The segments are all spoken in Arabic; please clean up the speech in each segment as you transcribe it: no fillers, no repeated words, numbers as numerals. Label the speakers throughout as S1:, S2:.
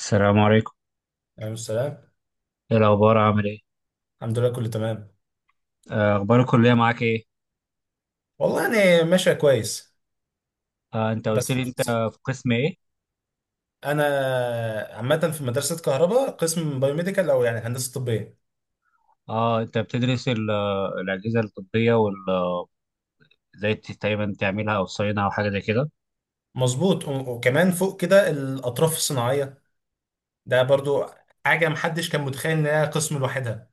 S1: السلام عليكم.
S2: عليكم السلام.
S1: ايه الاخبار عامل ايه؟
S2: الحمد لله، كله تمام.
S1: آه، اخبار الكليه معاك ايه؟
S2: والله يعني ماشية كويس.
S1: آه، انت قلت
S2: بس.
S1: لي انت في قسم ايه؟
S2: أنا. عامة في مدرسة كهرباء، قسم بايوميديكال، أو يعني هندسة طبية.
S1: اه انت بتدرس الاجهزه الطبيه وال ازاي تقريبا تعملها او تصينها او حاجه زي كده.
S2: مظبوط، وكمان فوق كده الأطراف الصناعية. ده برضو حاجة محدش كان متخيل إنها قسم لوحدها.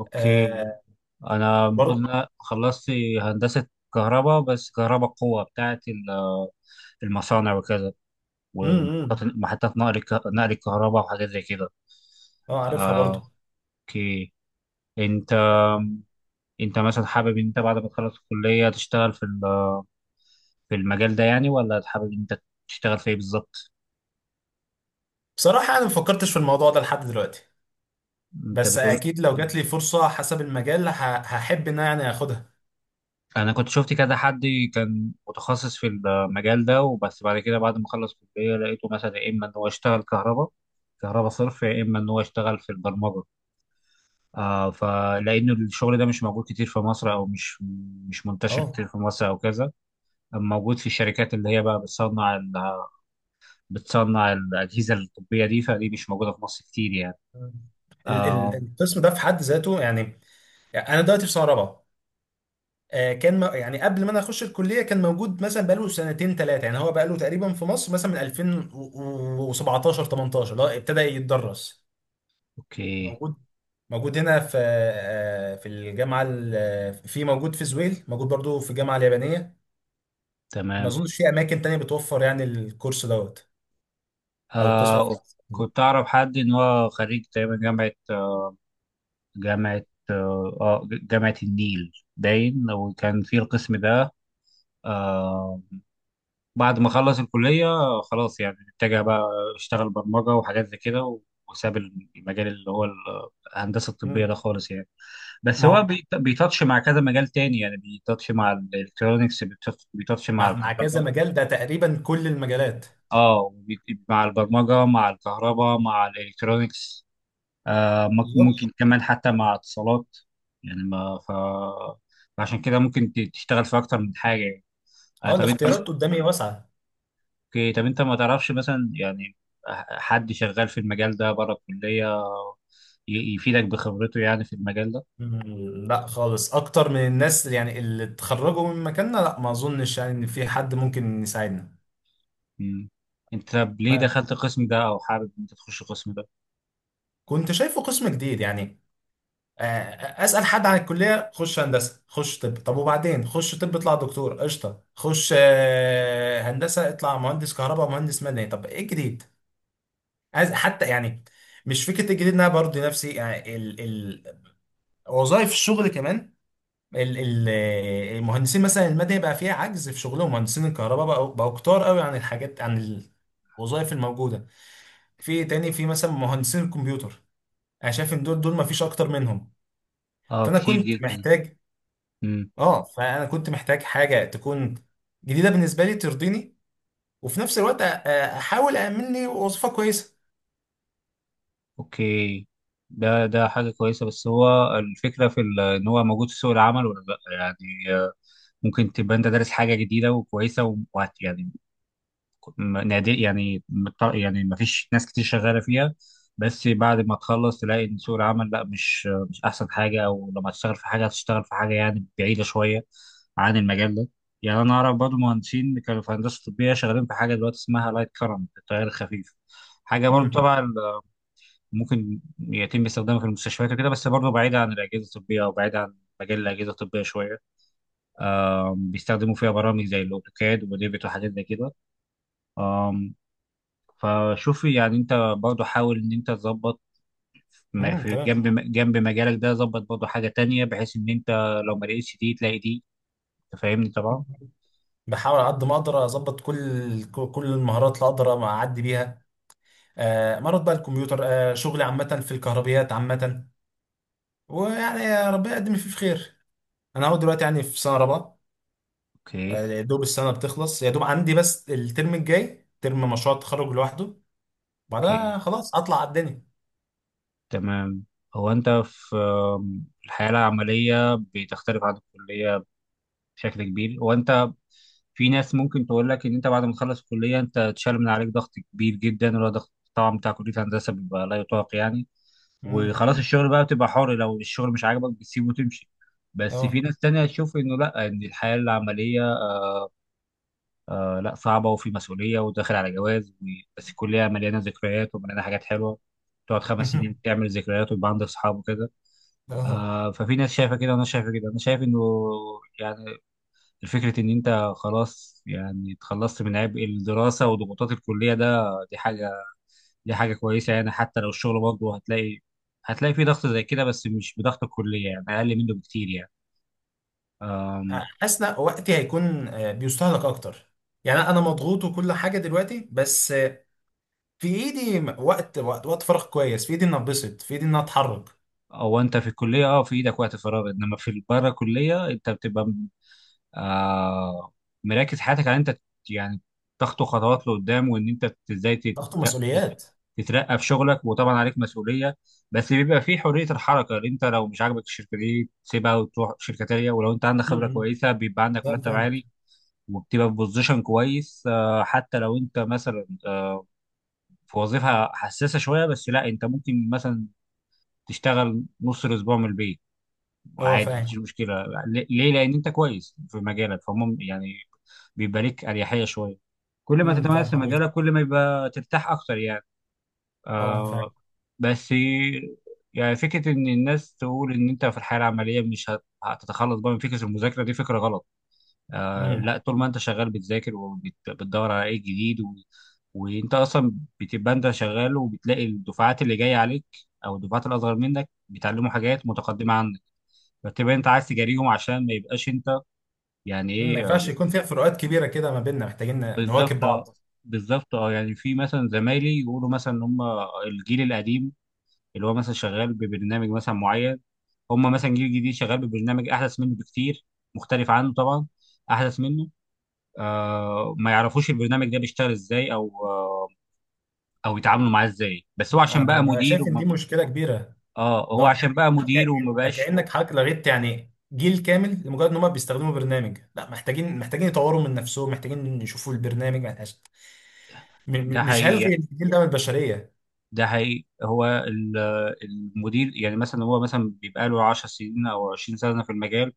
S1: اوكي.
S2: آه.
S1: انا المفروض ان
S2: برضو.
S1: انا خلصت هندسه كهرباء، بس كهرباء قوه بتاعت المصانع وكذا، ومحطات
S2: امم
S1: محطات نقل الكهرباء وحاجات زي كده.
S2: اه، عارفها برضو.
S1: آه، اوكي. انت انت مثلا حابب ان انت بعد ما تخلص الكليه تشتغل في في المجال ده يعني، ولا حابب انت تشتغل في ايه بالظبط؟
S2: بصراحة أنا مفكرتش في الموضوع ده لحد دلوقتي.
S1: انت
S2: بس
S1: بتقول
S2: أكيد لو جات لي فرصة حسب المجال هحب إن أنا يعني آخدها.
S1: انا كنت شفت كذا حد كان متخصص في المجال ده، وبس بعد كده بعد ما خلص كلية لقيته مثلا يا اما ان هو يشتغل كهرباء، كهرباء صرف، يا اما ان هو يشتغل في البرمجة. آه فلان الشغل ده مش موجود كتير في مصر، او مش منتشر
S2: اه.
S1: كتير في مصر او كذا. اما موجود في الشركات اللي هي بقى بتصنع الاجهزه الطبيه دي، فدي مش موجوده في مصر كتير يعني. آه،
S2: القسم ده في حد ذاته، يعني يعني انا دلوقتي في سنه رابعه. كان يعني قبل ما انا اخش الكليه كان موجود مثلا بقاله سنتين ثلاثه، يعني هو بقاله تقريبا في مصر مثلا من 2017 18 اللي هو ابتدى يتدرس.
S1: اوكي.
S2: موجود موجود هنا في في الجامعه في، موجود في زويل، موجود برضو في الجامعه اليابانيه. ما
S1: تمام.
S2: اظنش في اماكن تانية بتوفر يعني الكورس دوت او القسم
S1: آه
S2: ده.
S1: كنت أعرف حد إن هو خريج تقريبا جامعة جامعة آه آه، جامعة النيل باين، وكان في القسم ده. آه بعد ما خلص الكلية آه، خلاص يعني اتجه بقى، اشتغل برمجة وحاجات زي كده، وساب المجال اللي هو الهندسة الطبية
S2: مم.
S1: ده خالص يعني. بس
S2: ما
S1: هو
S2: هو-
S1: بيتاتش مع كذا مجال تاني، يعني بيتاتش مع الالكترونيكس، بيتاتش مع
S2: مع كذا
S1: الكهرباء.
S2: مجال، ده تقريبا كل المجالات.
S1: اه وبي- مع البرمجة مع الكهرباء مع الالكترونيكس. آه،
S2: بالظبط.
S1: ممكن كمان حتى مع اتصالات. يعني ما ف... فعشان كده ممكن تشتغل في اكتر من حاجه يعني. آه،
S2: اه
S1: طب انت.
S2: الاختيارات قدامي واسعه.
S1: اوكي، طب انت ما تعرفش مثلا يعني حد شغال في المجال ده بره الكليه، يفيدك بخبرته يعني في المجال ده؟
S2: مم، لا خالص، اكتر من الناس يعني اللي اتخرجوا من مكاننا، لا ما اظنش يعني ان في حد ممكن يساعدنا.
S1: مم. انت طب ليه
S2: ما
S1: دخلت القسم ده، او حابب انت تخش القسم ده؟
S2: كنت شايفه قسم جديد يعني. اسال حد عن الكليه، خش هندسه خش طب، طب وبعدين خش طب اطلع دكتور قشطه، خش هندسه اطلع مهندس كهرباء مهندس مدني، طب ايه الجديد؟ عايز حتى يعني مش فكره الجديد، إن انا برضه نفسي يعني ال ال وظائف الشغل كمان. ال- ال- المهندسين مثلا المادة بقى فيها عجز في شغلهم، مهندسين الكهرباء بقوا كتار قوي عن الحاجات، عن الوظائف الموجودة. في تاني في مثلا مهندسين الكمبيوتر، انا شايف ان دول ما فيش اكتر منهم.
S1: اه
S2: فانا
S1: كتير
S2: كنت
S1: جدا.
S2: محتاج. اه فانا كنت محتاج حاجة تكون جديدة بالنسبة لي ترضيني، وفي نفس الوقت احاول أأمن لي وظيفة كويسة.
S1: اوكي، ده حاجة كويسة، بس هو الفكرة في ان هو موجود في سوق العمل ولا لا يعني. آه، ممكن تبقى انت دارس حاجة جديدة وكويسة يعني نادر، يعني يعني ما فيش ناس كتير شغالة فيها، بس بعد ما تخلص تلاقي ان سوق العمل لا، مش احسن حاجة. او لما تشتغل في حاجة هتشتغل في حاجة يعني بعيدة شوية عن المجال ده. يعني انا اعرف برضه مهندسين كانوا في هندسة طبية شغالين في حاجة دلوقتي اسمها لايت كرنت، التيار الخفيف، حاجة برضه
S2: امم.
S1: تبع، ممكن يتم استخدامها في المستشفيات وكده، بس برضه بعيدة عن الأجهزة الطبية، أو بعيدة عن مجال الأجهزة الطبية شوية. آم، بيستخدموا فيها برامج زي الأوتوكاد وديفيد وحاجات زي كده. آم، فشوفي يعني أنت برضه حاول إن أنت تظبط م-
S2: امم،
S1: في
S2: تمام.
S1: جنب مجالك ده، ظبط برضه حاجة تانية بحيث إن أنت لو ما لقيتش دي تلاقي دي. أنت فاهمني طبعا.
S2: بحاول على قد ما اقدر اظبط كل المهارات اللي اقدر اعدي بيها. مرض بقى الكمبيوتر، شغل عامة في الكهربيات عامة. ويعني يا ربنا يقدم اللي فيه في خير. أنا أهو دلوقتي يعني في سنة رابعة.
S1: أوكي.
S2: يا دوب السنة بتخلص، يا دوب عندي بس الترم الجاي ترم مشروع التخرج لوحده.
S1: أوكي،
S2: بعدها خلاص أطلع على الدنيا.
S1: تمام. هو أنت في آم، الحياة العملية بتختلف عن الكلية بشكل كبير. وانت في ناس ممكن تقول لك ان انت بعد ما تخلص الكليه انت اتشال من عليك ضغط كبير جدا، اللي هو ضغط طبعا بتاع كليه هندسه بيبقى لا يطاق يعني.
S2: امم.
S1: وخلاص الشغل بقى بتبقى حر، لو الشغل مش عاجبك بتسيبه وتمشي. بس في
S2: أه.
S1: ناس تانية تشوف انه لا، ان الحياه العمليه آه لا صعبه، وفي مسؤوليه، وداخل على جواز بس الكليه مليانه ذكريات ومليانه حاجات حلوه، تقعد خمس سنين تعمل ذكريات ويبقى عندك صحاب وكده.
S2: أه.
S1: آه ففي ناس شايفه كده، وانا شايفه كده، انا شايف انه يعني فكرة إن أنت خلاص يعني اتخلصت من عبء الدراسة وضغوطات الكلية ده، دي حاجة دي حاجة كويسة. يعني حتى لو الشغل برضه هتلاقي فيه ضغط زي كده، بس مش بضغط الكلية، يعني أقل منه بكتير يعني. أم،
S2: حاسس إن وقتي هيكون بيستهلك أكتر. يعني أنا مضغوط وكل حاجة دلوقتي، بس في إيدي وقت فراغ كويس، في إيدي إن أتبسط، في إيدي إن أتحرك.
S1: أو أنت في الكلية أه في إيدك وقت فراغ، إنما في بره الكلية أنت بتبقى آه، مركز حياتك على إن انت يعني تخطو خطوات لقدام، وان انت
S2: ضغط
S1: تت-
S2: ومسؤوليات.
S1: تترقى في شغلك، وطبعا عليك مسؤوليه، بس بيبقى في حريه الحركه، اللي انت لو مش عاجبك الشركه دي تسيبها وتروح شركه تانيه، ولو انت عندك خبره
S2: امم،
S1: كويسه بيبقى عندك
S2: فاهم
S1: مرتب
S2: فاهمك.
S1: عالي، وبتبقى في بوزيشن كويس. آه، حتى لو انت مثلا آه، في وظيفه حساسه شويه، بس لا انت ممكن مثلا تشتغل نص الاسبوع من البيت
S2: اه
S1: عادي، مفيش
S2: فاهم.
S1: مشكله. ليه؟ لان انت كويس في مجالك، فمم يعني بيبقى ليك اريحيه شويه. كل ما
S2: امم، فاهم
S1: تتميز في
S2: حضرتك.
S1: مجالك كل ما يبقى ترتاح اكتر يعني.
S2: اه فاهم.
S1: آه بس يعني فكره ان الناس تقول ان انت في الحياه العمليه مش هت- هتتخلص بقى من فكره المذاكره، دي فكره غلط. آه
S2: امم.
S1: لا، طول ما انت شغال بتذاكر وبتدور على ايه جديد و... وانت اصلا بتبقى انت شغال وبتلاقي الدفعات اللي جايه عليك، او الدفعات الاصغر منك بيتعلموا حاجات متقدمه عنك، فتبقى انت عايز تجاريهم عشان ما يبقاش انت يعني
S2: أمم، ما
S1: ايه آه،
S2: ينفعش يكون فيها فروقات كبيره كده، ما بيننا محتاجين
S1: بالظبط.
S2: نواكب بعض.
S1: بالظبط. اه يعني في مثلا زمايلي يقولوا مثلا ان هم الجيل القديم، اللي هو مثلا شغال ببرنامج مثلا معين، هم مثلا جيل جديد شغال ببرنامج احدث منه بكتير، مختلف عنه طبعا، احدث منه، آه ما يعرفوش البرنامج ده بيشتغل ازاي او آه او يتعاملوا معاه ازاي، بس هو
S2: انا
S1: عشان بقى
S2: ببقى
S1: مدير
S2: شايف ان دي
S1: وما،
S2: مشكله كبيره.
S1: اه هو
S2: لا
S1: عشان
S2: يعني
S1: بقى
S2: حكا...
S1: مدير وما
S2: انت
S1: بقاش.
S2: كانك حضرتك لغيت يعني جيل كامل لمجرد ان هم بيستخدموا برنامج، لا محتاجين يطوروا من نفسهم، محتاجين يشوفوا البرنامج محتاج... م...
S1: ده
S2: مش
S1: حقيقي
S2: هلغي الجيل ده من البشريه.
S1: ده حقيقي هو المدير يعني مثلا هو مثلا بيبقى له 10 سنين او 20 سنه في المجال،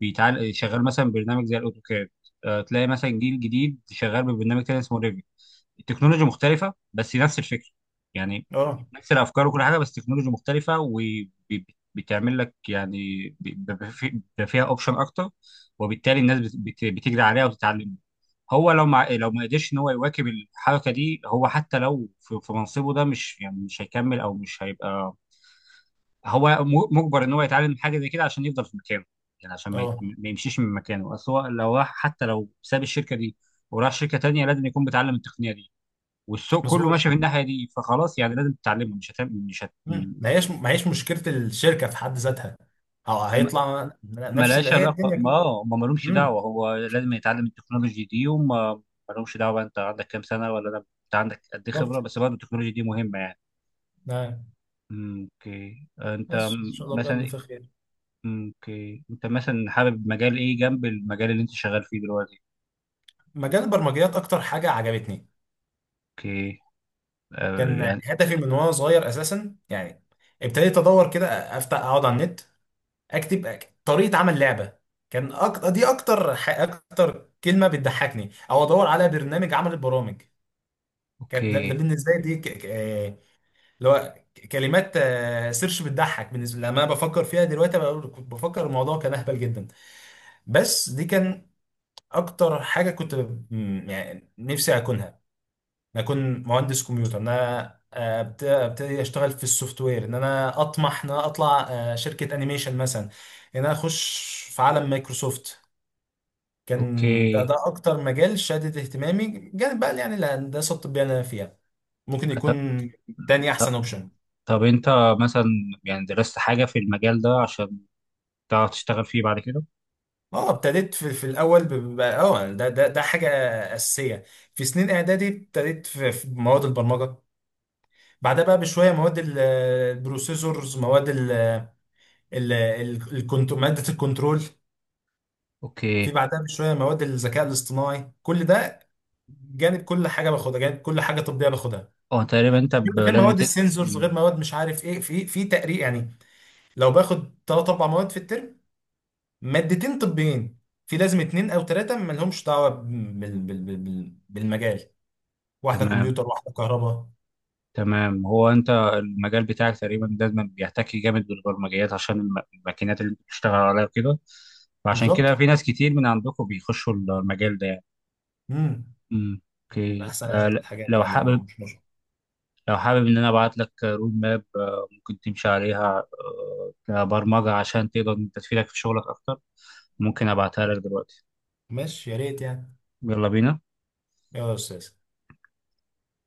S1: بيتعال شغال مثلا برنامج زي الاوتوكاد، آه، تلاقي مثلا جيل جديد شغال ببرنامج تاني اسمه ريفي. التكنولوجيا مختلفه، بس نفس الفكره يعني،
S2: اه.
S1: نفس الافكار وكل حاجه، بس تكنولوجيا مختلفه، وبتعمل لك يعني بيبقى فيها اوبشن اكتر، وبالتالي الناس بتجري عليها وتتعلم. هو لو ما قدرش ان هو يواكب الحركه دي، هو حتى لو في, في منصبه ده مش يعني مش هيكمل او مش هيبقى، هو مجبر ان هو يتعلم حاجه زي كده عشان يفضل في مكانه، يعني عشان ما,
S2: اه
S1: ما يمشيش من مكانه. اصل هو لو راح، حتى لو ساب الشركه دي وراح شركه تانيه، لازم يكون بيتعلم التقنيه دي، والسوق كله
S2: مظبوط.
S1: ماشي في الناحيه دي، فخلاص يعني لازم تتعلمه، مش هتعمل مش هت...
S2: أمم، ما هيش مشكله الشركه في حد ذاتها، أو هيطلع نفس اللي
S1: ملهاش
S2: هي
S1: علاقة.
S2: الدنيا كده.
S1: ما مالهمش
S2: امم.
S1: دعوة، هو لازم يتعلم التكنولوجي دي، وما مالهمش دعوة بقى أنت عندك كام سنة ولا أنا، أنت عندك قد إيه خبرة،
S2: بالظبط.
S1: بس برضه التكنولوجي دي مهمة يعني. أمم، أوكي. آه، أنت
S2: بس ان شاء الله
S1: مثلا،
S2: بقدم في خير.
S1: أمم، أوكي، أنت مثلا حابب مجال إيه جنب المجال اللي أنت شغال فيه دلوقتي؟
S2: مجال البرمجيات اكتر حاجه عجبتني.
S1: أوكي. آه،
S2: كان
S1: يعني،
S2: هدفي من وانا صغير اساسا، يعني ابتديت ادور كده، افتح اقعد على النت، اكتب طريقه عمل لعبه. كان أكتر اكتر ح... اكتر كلمه بتضحكني، او ادور على برنامج عمل البرامج. كانت ده, ده
S1: أوكي.
S2: بالنسبه لي دي ك... ك... اللي هو كلمات سيرش بتضحك بالنسبه لي. لما انا بفكر فيها دلوقتي بقول- كنت بفكر الموضوع كان اهبل جدا. بس دي كان اكتر حاجه كنت يعني نفسي اكونها. أنا أكون مهندس كمبيوتر، إن أنا أبتدي أشتغل في السوفت وير، إن أنا أطمح إن أنا أطلع شركة أنيميشن مثلا، إن أنا أخش في عالم مايكروسوفت. كان
S1: أوكي،
S2: ده أكتر مجال شادد اهتمامي جانب بقى يعني الهندسة الطبية اللي أنا فيها. ممكن
S1: طب
S2: يكون تاني
S1: طب
S2: احسن اوبشن.
S1: طب أنت مثلا يعني درست حاجة في المجال ده عشان تعرف تشتغل فيه بعد كده؟
S2: اه ابتديت في الاول اه ده حاجه اساسيه. في سنين اعدادي ابتديت في مواد البرمجه. بعدها بقى بشويه مواد البروسيسورز، مواد ال ال الكنت، مادة الكنترول. في
S1: أوكي.
S2: بعدها بشوية مواد الذكاء الاصطناعي، كل ده جانب كل حاجة باخدها، جانب كل حاجة طبية باخدها.
S1: أه تقريبا أنت
S2: غير
S1: لازم
S2: مواد
S1: تت...
S2: السنسورز،
S1: أمم،
S2: غير مواد مش عارف ايه، في تقريب يعني. لو باخد ثلاث اربع مواد في الترم، مادتين طبيين، في لازم اتنين او ثلاثة مالهمش دعوة بال بالمجال، واحدة
S1: تمام.
S2: كمبيوتر واحدة كهرباء.
S1: تمام، هو انت المجال بتاعك تقريبا لازم بيحتكي جامد بالبرمجيات عشان الماكينات اللي انت بتشتغل عليها وكده، فعشان كده
S2: بالظبط.
S1: في ناس كتير من عندكم بيخشوا المجال ده يعني.
S2: امم.
S1: امم، اوكي. آه
S2: احسن الحاجات
S1: لو
S2: يعني،
S1: حابب
S2: ومش مش-.
S1: لو حابب ان انا ابعت لك رود ماب، آه ممكن تمشي عليها، آه كبرمجة عشان تقدر إن أنت تفيدك في شغلك اكتر. ممكن ابعتها لك دلوقتي؟
S2: ماشي يا ريت يعني.
S1: يلا بينا.
S2: يلا يا استاذ.